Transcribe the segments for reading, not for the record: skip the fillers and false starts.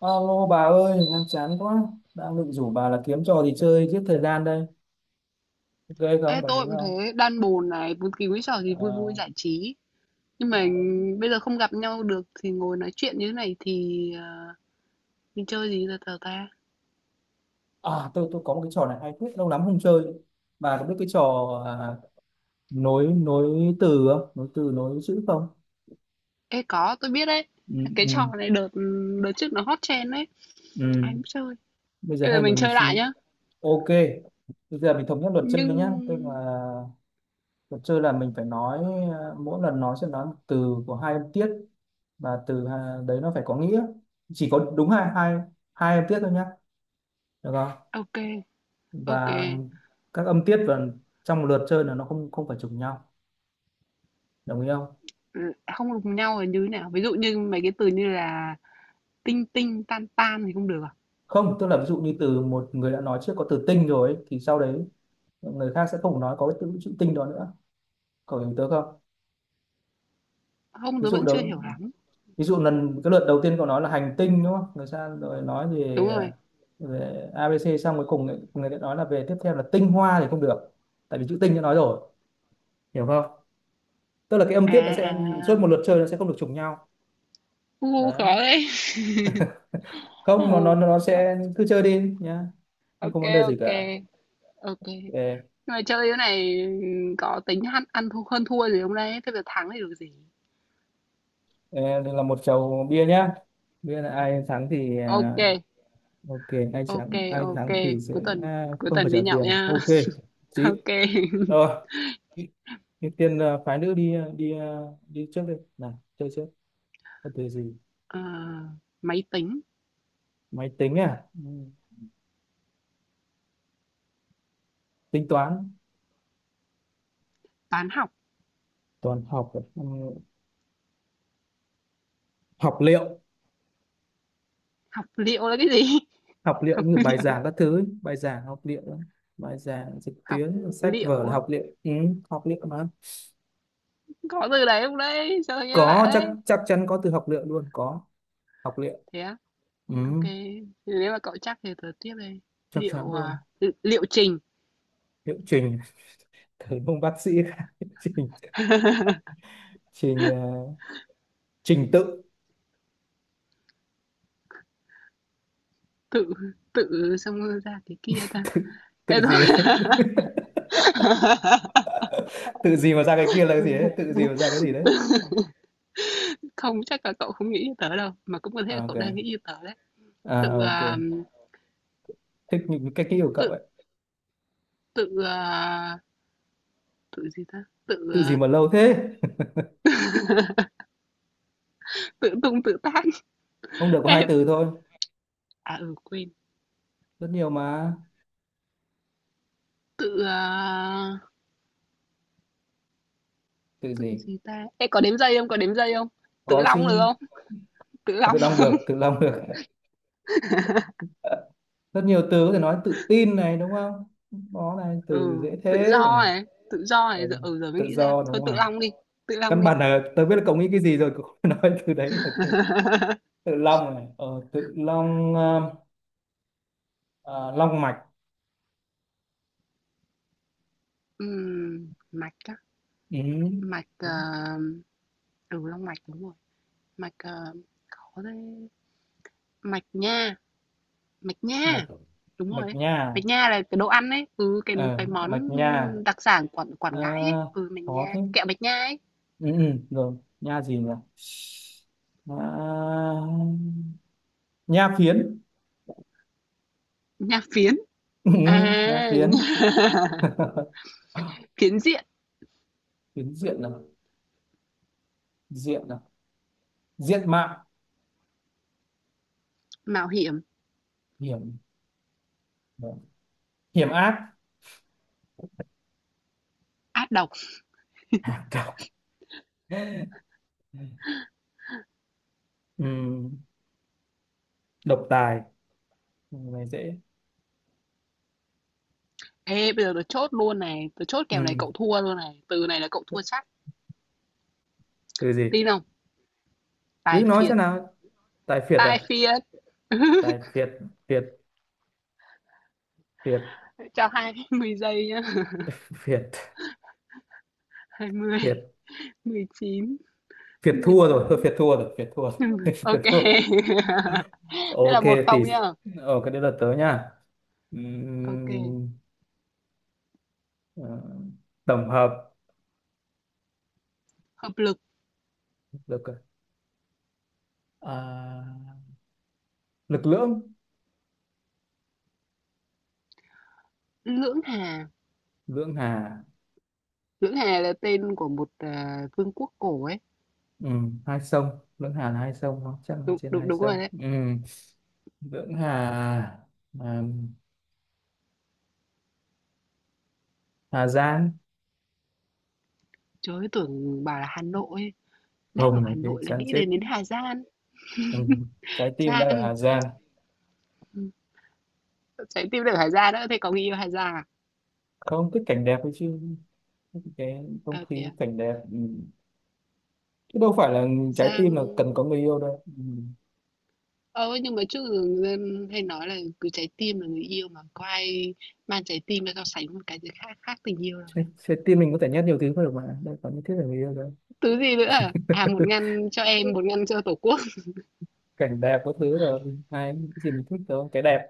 Alo bà ơi, đang chán quá. Đang định rủ bà là kiếm trò gì chơi giết thời gian đây. Ok Ê, không? Đồng tôi ý cũng không? thế, đan bồn này, bất kỳ cái trò gì vui vui Ờ, giải trí. Nhưng mà bà đâu? bây giờ không gặp nhau được thì ngồi nói chuyện như thế này thì mình chơi gì giờ tờ ta? À, tôi có một cái trò này hay phết, lâu lắm không chơi. Bà có biết cái trò, à, nối nối từ không? Nối từ nối chữ không? Ê, có, tôi biết đấy. Ừ, Cái trò ừ, này đợt đợt trước nó hot trend đấy. ừ. Ai cũng chơi. Bây giờ Bây giờ hay mình mình mình chơi lại xin- nhá. ok. Bây giờ mình thống nhất luật chơi Nhưng... nhá. Tức là luật chơi là mình phải nói mỗi lần nói sẽ nói một từ của hai âm tiết, và từ đấy nó phải có nghĩa. Chỉ có đúng hai hai hai âm tiết thôi nhá, được không, Ok, ok. và các âm tiết, và trong một lượt chơi là nó không không phải trùng nhau, đồng ý không? Ừ, Không đụng nhau là như thế nào? Ví dụ như mấy cái từ như là tinh tinh, tan tan thì không được à? Không, tức là ví dụ như từ một người đã nói trước có từ tinh rồi ấy, thì sau đấy người khác sẽ không nói có cái từ chữ tinh đó nữa, cậu hiểu tớ không? Không, Ví tôi dụ vẫn chưa đó, hiểu lắm. ví dụ lần cái lượt đầu tiên cậu nói là hành tinh đúng không, người sang rồi nói Đúng về rồi. về a ABC xong cuối cùng người ta nói là về, tiếp theo là tinh hoa thì không được, tại vì chữ tinh đã nói rồi, hiểu không? Tức là cái âm À, tiết nó sẽ suốt một à. lượt chơi nó sẽ không được trùng nhau U, đấy. khó đấy. Không, nó nó Ờ. nó sẽ cứ chơi đi nhá, không có ok vấn đề gì ok cả. ok nhưng Ê, mà chơi cái này có tính ăn ăn thua hơn thua gì không đấy thế giờ thắng thì được gì ê, đây là một chầu bia nhá, bia là ai thắng thì ok ok, ai ok thắng ai ok thắng thì sẽ cuối tuần à, cuối không phải tuần trả đi nhậu tiền, nha ok chị, ok rồi. Ưu ưu tiên phái nữ đi đi đi trước đi, nào chơi trước, có từ gì. Ờ, máy tính Máy tính à, ừ. Tính toán. toán học Toán học à? Ừ. Học liệu. học liệu là cái gì Học liệu học như bài liệu giảng các thứ ấy. Bài giảng học liệu đó. Bài giảng trực học tuyến sách vở liệu là á? học liệu, ừ, học liệu mà, Có từ đấy không đấy sao nghe lạ có chắc đấy chắc chắn có từ học liệu luôn, có học liệu, thế á ừ, ok thì nếu mà cậu chắc thì tớ tiếp đây chắc chắn liệu luôn. à, liệu trình Liệu trình. thầy ông bác sĩ liệu trình. Trình trình tự. tự tự xong rồi ra cái kia ta tự, tự Ê, gì thôi đấy. tự gì mà ra cái kia là cái gì đấy, tự gì mà ra cái gì đấy. Không, chắc là cậu không nghĩ như tớ đâu, mà cũng có thể là À, ok. cậu đang nghĩ như tớ đấy. Tự À, à, ok. Thích những cái kỹ của cậu tự ấy. tự à, tự gì ta? Tự Tự gì à, mà lâu thế. tự tung tự tác. không được, có Ê, hai từ thôi, à ừ quên. rất nhiều mà. Tự à, Tự tự gì, gì ta? Ê có đếm giây không? Có đếm giây không? Tự có long được chứ. không? Tự À, long. tự long được, tự long được. rất nhiều từ có thể nói, tự tin này đúng không, đó này từ Ừ, dễ tự thế. Ừ, do này, tự do ờ, này giờ ừ, giờ mới tự nghĩ ra. do Thôi đúng tự rồi, long đi, tự long căn đi. bản là tớ biết là cậu nghĩ cái gì rồi, cậu không phải nói từ đấy được. Tự long này, tự long, ờ, long mạch. Mạch á, Ừ, đúng. mạch ừ long mạch đúng rồi. Mạch ờ, khó đấy Mạch nha, mạch Mạch nha. Đúng rồi mạch ấy. nha, Bánh nha là cái đồ ăn ấy, ừ, ờ, cái món mạch nha. đặc sản Quảng Ờ, Quảng Ngãi ấy, ừ, bánh có nha, thế. kẹo bánh nha ấy, Ừ, ừ, rồi nha gì nhỉ, à, nha phiến. nha phiến. Ừ, ừ, À. nha phiến. Phiến diện, phiến diện là, diện là, diện mạo. mạo hiểm, Hiểm, hiểm ác. ác độc. Hả, cậu. Ừ. Độc tài. Câu này dễ. Ê, bây giờ tôi chốt luôn này, tôi chốt kèo này Ừ. cậu thua luôn này, từ này là cậu thua chắc. Từ gì? Tin không? Cứ Tài nói xem phiệt, nào. Tài phiệt à, tài phiệt. tài phiệt. Phiệt, phiệt. Cho 20 giây nhá. phiệt, 20, phiệt, 19 phiệt mười thua rồi thôi, tám phiệt thua rồi, phiệt thua rồi. phiệt Ok. thua. Thế Ok là một thì, không nhá. Cái đấy là tớ nha. Ok. Ừm, ờ, tổng hợp, Hợp lực, được rồi. À, lực lưỡng. lưỡng hà. Lưỡng hà. Lưỡng Hà là tên của một vương quốc cổ ấy. Ừ, hai sông lưỡng hà là hai sông không, chắc là Đúng, trên đúng, hai đúng sông, rồi đấy. ừ, lưỡng hà. À, Hà Giang, Trời ơi, tưởng bảo là Hà Nội. Ấy. Đang ở không nói Hà thế Nội là chán nghĩ chết. đến đến Hà Giang. Ừ. Trái tim đang ở Hà Giang. Giang, Ừ, Trái tim được Hà Giang đó. Thế có người yêu Hà Giang à? không thích cảnh đẹp ấy chứ, cái không Ờ thế khí à? cảnh đẹp, ừ. Chứ đâu phải là trái Giang. tim là cần có người yêu đâu, ừ. Ờ nhưng mà trước giờ người dân hay nói là cứ trái tim là người yêu mà có ai mang trái tim ra so sánh một cái gì khác khác tình yêu đâu. trái, Này. trái tim mình có thể nhét nhiều thứ vào được mà, đâu có nhất thiết là người yêu đâu. Thứ gì nữa à? À một ngăn cho em, một ngăn cho Tổ quốc. cảnh đẹp có thứ rồi, ai cái gì mình thích thôi, cái đẹp,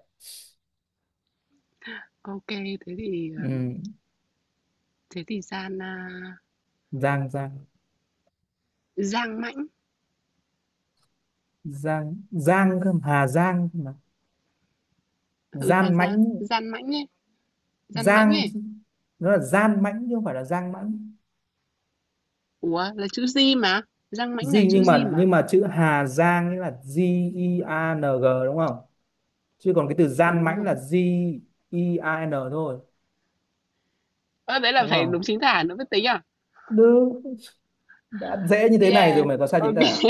Ok, thế thì à, ừ. thế thì Gian à, Giang, Giang, Giang Mãnh. Giang Giang cơ mà. Hà Giang cơ mà. Ừ Gian Hà mãnh. Giang, Giang Mãnh ấy. Gian mãnh Giang ấy. chứ. Nó là gian mãnh chứ không phải là Giang mãnh Ủa, là chữ G mà. Giang mãnh là gì, chữ nhưng G mà nhưng mà. mà chữ Hà Giang nghĩa là G E A N G đúng không, chứ còn cái từ Ừ, gian đúng mãnh rồi. là G E A N thôi, Ơ, đấy là đúng phải không? đúng chính tả nữa mới tính à? Được. Đã dễ như thế này rồi Yeah. mày có sai chính Ok. tả.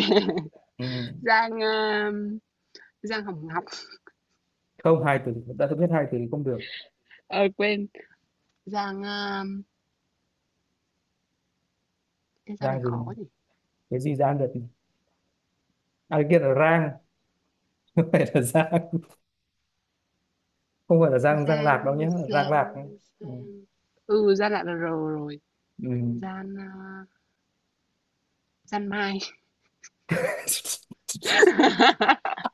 Ừ. Giang Giang Hồng Ngọc. Không, hai từ, đã biết hai từ thì không được. Ờ quên. Giang cái Giang này Rang gì khó này, quá nhỉ. cái gì rang được này. À, cái kia là rang. không phải là rang, không phải là rang, rang lạc Giang đâu nhé, rang Giang lạc nhé. Ừ. Giang. Ừ, Giang lại là R rồi. Ừ. Giang Giang Mai.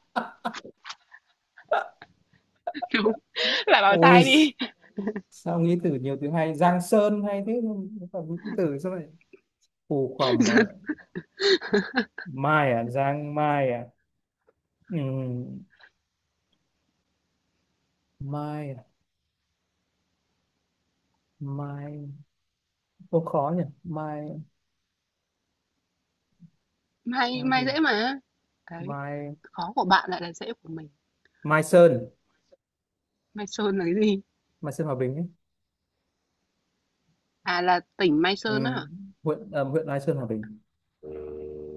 Đúng. Là bảo ôi, sai đi. sao nghĩ từ nhiều từ hay, giang sơn hay thế, nhưng mà còn những cái từ sao lại phù khoằm mà lại mai à, giang mai à, ừ. Mai à? Mai, ô khó nhỉ. Mai, Mai Mai Mai gì, dễ mà. Đấy, Mai. khó của bạn lại là dễ của mình. Mai Sơn. Mai Sơn là cái gì? Mai Sơn Hòa Bình ấy. À, là tỉnh Mai Ừ. Sơn á hả? Huyện huyện Mai Sơn Hòa Bình,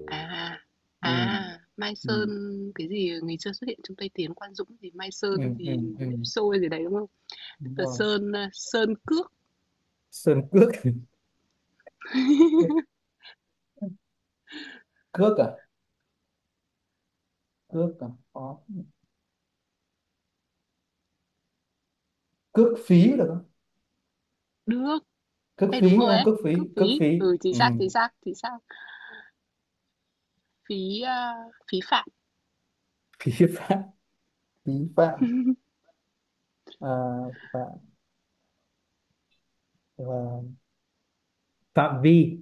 À, ừ. à, Mai Ừ. Sơn cái gì ngày xưa xuất hiện trong Tây Tiến Quan Dũng gì Mai Ừ. Sơn Ừ. gì Ừ. nếp xôi gì đấy đúng không? Đúng Tờ rồi. Sơn à, Sơn Cước Sơn Cước. cước, cước à, cước à, có, cước phí được không, Đước. cước Đây đúng phí, rồi không ấy, cước phí, cước cước phí. phí. Ừ chính Ừ. xác, chính xác, chính xác. Phí à, phí phạm, phí phạm, phí phạm. À, phạm, và phạm vi.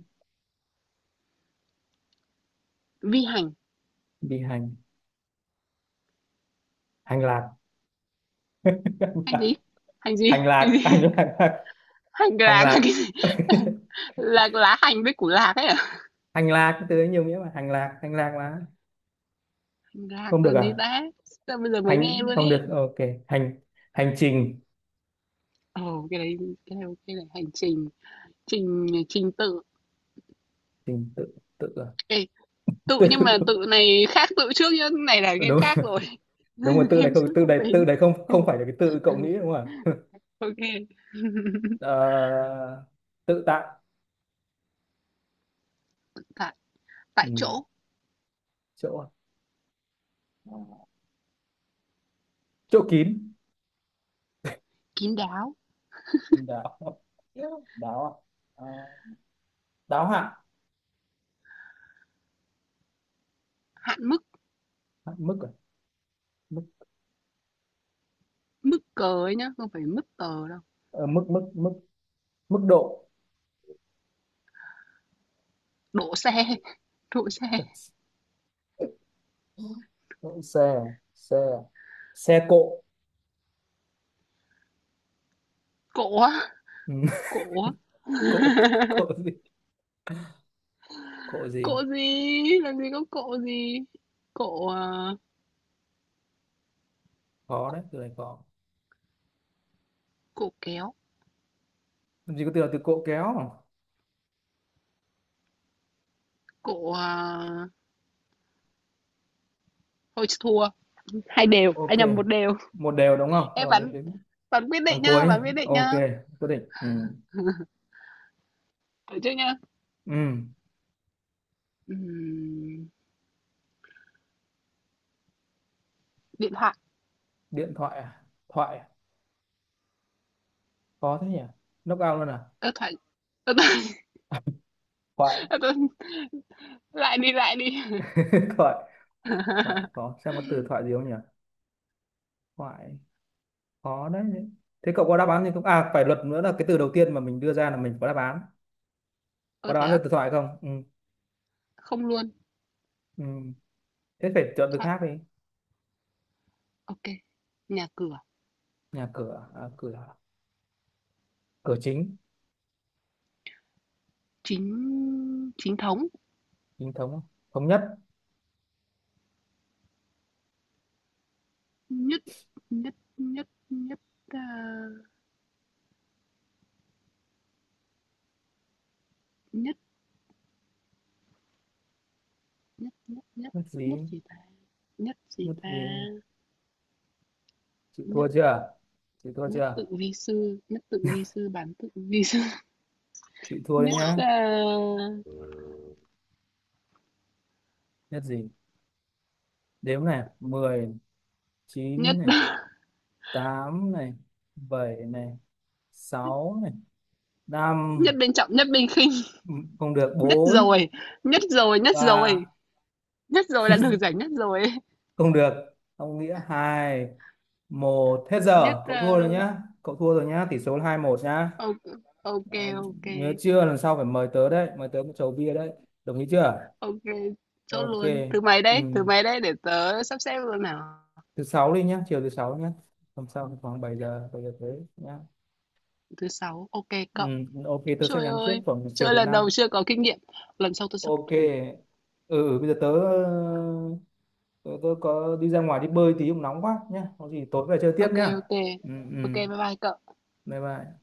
vi hành. Vi hành. Hành lạc. Hành gì? Hành gì? hành Hành lạc, hành gì? lạc, hành lạc, Hành hành lạc là lạc. cái gì? Là lá hành với củ lạc ấy à? hành lạc từ ấy nhiều nghĩa mà, hành lạc, hành lạc mà. Hành lạc Không được là gì à, ta? Sao bây giờ mới nghe hành luôn không ấy. được, ok hành, hành trình. Ồ, cái đấy cái này ok này, hành trình, trình trình tự. Trình tự. Tự à? Tự nhưng mà tự này khác tự trước nhá, này là tự game đúng, khác rồi. đúng rồi, tự này Game không, trước tự không này, tính. tự này không không phải là cái tự cậu nghĩ đúng không ạ. Ok. Ờ, tự tại. Tại tại Ừ, chỗ, chỗ, chỗ kín. kín đáo, Đáo, đáo à? Ờ, đáo hạn. hạn mức, À, mức à? Mức, mức cờ ấy nhá, không phải mức tờ đâu. ờ, mức, mức, mức, mức độ. Đỗ xe, đỗ xe. Độ xe à? Xe à? Xe cộ. Cộ á, Ừ. cộ á. cộ, cộ gì, cộ gì, Cộ gì? Làm gì có cộ gì? Cộ à, khó đấy, từ này khó, cộ kéo, làm gì có từ là từ cộ kéo. cộ à, thôi thua. Hai đều, Ok, anh nhầm một đều. một đều đúng không, Em rồi đến bắn đến bắn quyết phần định nhá, cuối nhé. bắn quyết định Ok. nhá. Quyết định, ừ. Được chưa nhá? Ừ. Ừm, điện Điện thoại à? Thoại à? Khó thế nhỉ, knock out luôn à. Thoại ơ, tôi Thoại. ơ, tôi lại đi, lại đi. thoại. Thoại khó, xem có từ thoại gì không nhỉ. Thoại, khó đấy. Thế cậu có đáp án thì không, à phải luật nữa là cái từ đầu tiên mà mình đưa ra là mình có đáp án, có Ơ, đáp thế án cho á? từ thoại không? Ừ. Không luôn. Ừ. Thế phải chọn từ Thoại khác đi. ok Nhà cửa, Nhà cửa à, à, cửa à? Cửa chính. chính chính thống, Chính thống. Thống nhất. nhất nhất nhất nhất, ờ, nhất nhất nhất nhất Nhất nhất gì, gì ta? Nhất gì nhất ta? gì. Chị thua Nhất chưa? Chị thua nhất tự chưa? vi sư, nhất tự vi sư, bán tự vi sư, Chị thua đấy nhất nhá. Ui ờ, Nhất gì? Đếm này, mười, nhất chín này, 8 này, 7 này, 6 này, năm. nhất bên trọng, nhất bên khinh, Ừ, không được, nhất bốn, rồi, nhất rồi, nhất rồi. ba, Nhất rồi là được giải nhất rồi. không được, không nghĩa, hai, một, hết Nhất giờ. Cậu thua rồi nhá. Cậu thua rồi nhá, tỷ số là 2-1 nhá. ok ok Đó, ok nhớ chưa? Lần sau phải mời tớ đấy, mời tớ một chầu bia đấy. Đồng ý chưa? ok chốt Ok. luôn Ừ. Thứ mấy đấy để tớ sắp xếp luôn nào Thứ sáu đi nhá, chiều thứ sáu nhá. Hôm sau khoảng 7 giờ, 7 giờ tới nhá. thứ sáu ok Ừ, cậu ok tớ sẽ trời nhắn trước ơi khoảng chiều trời thứ lần năm. đầu chưa có kinh nghiệm lần sau tôi sắp Ok. thủ Ừ, ừ, bây giờ tớ, tớ có đi ra ngoài đi bơi tí, cũng nóng quá nhá, có gì tối về chơi tiếp ok nhá. ok Ừ, ừ, ok bye bye cậu bye bye.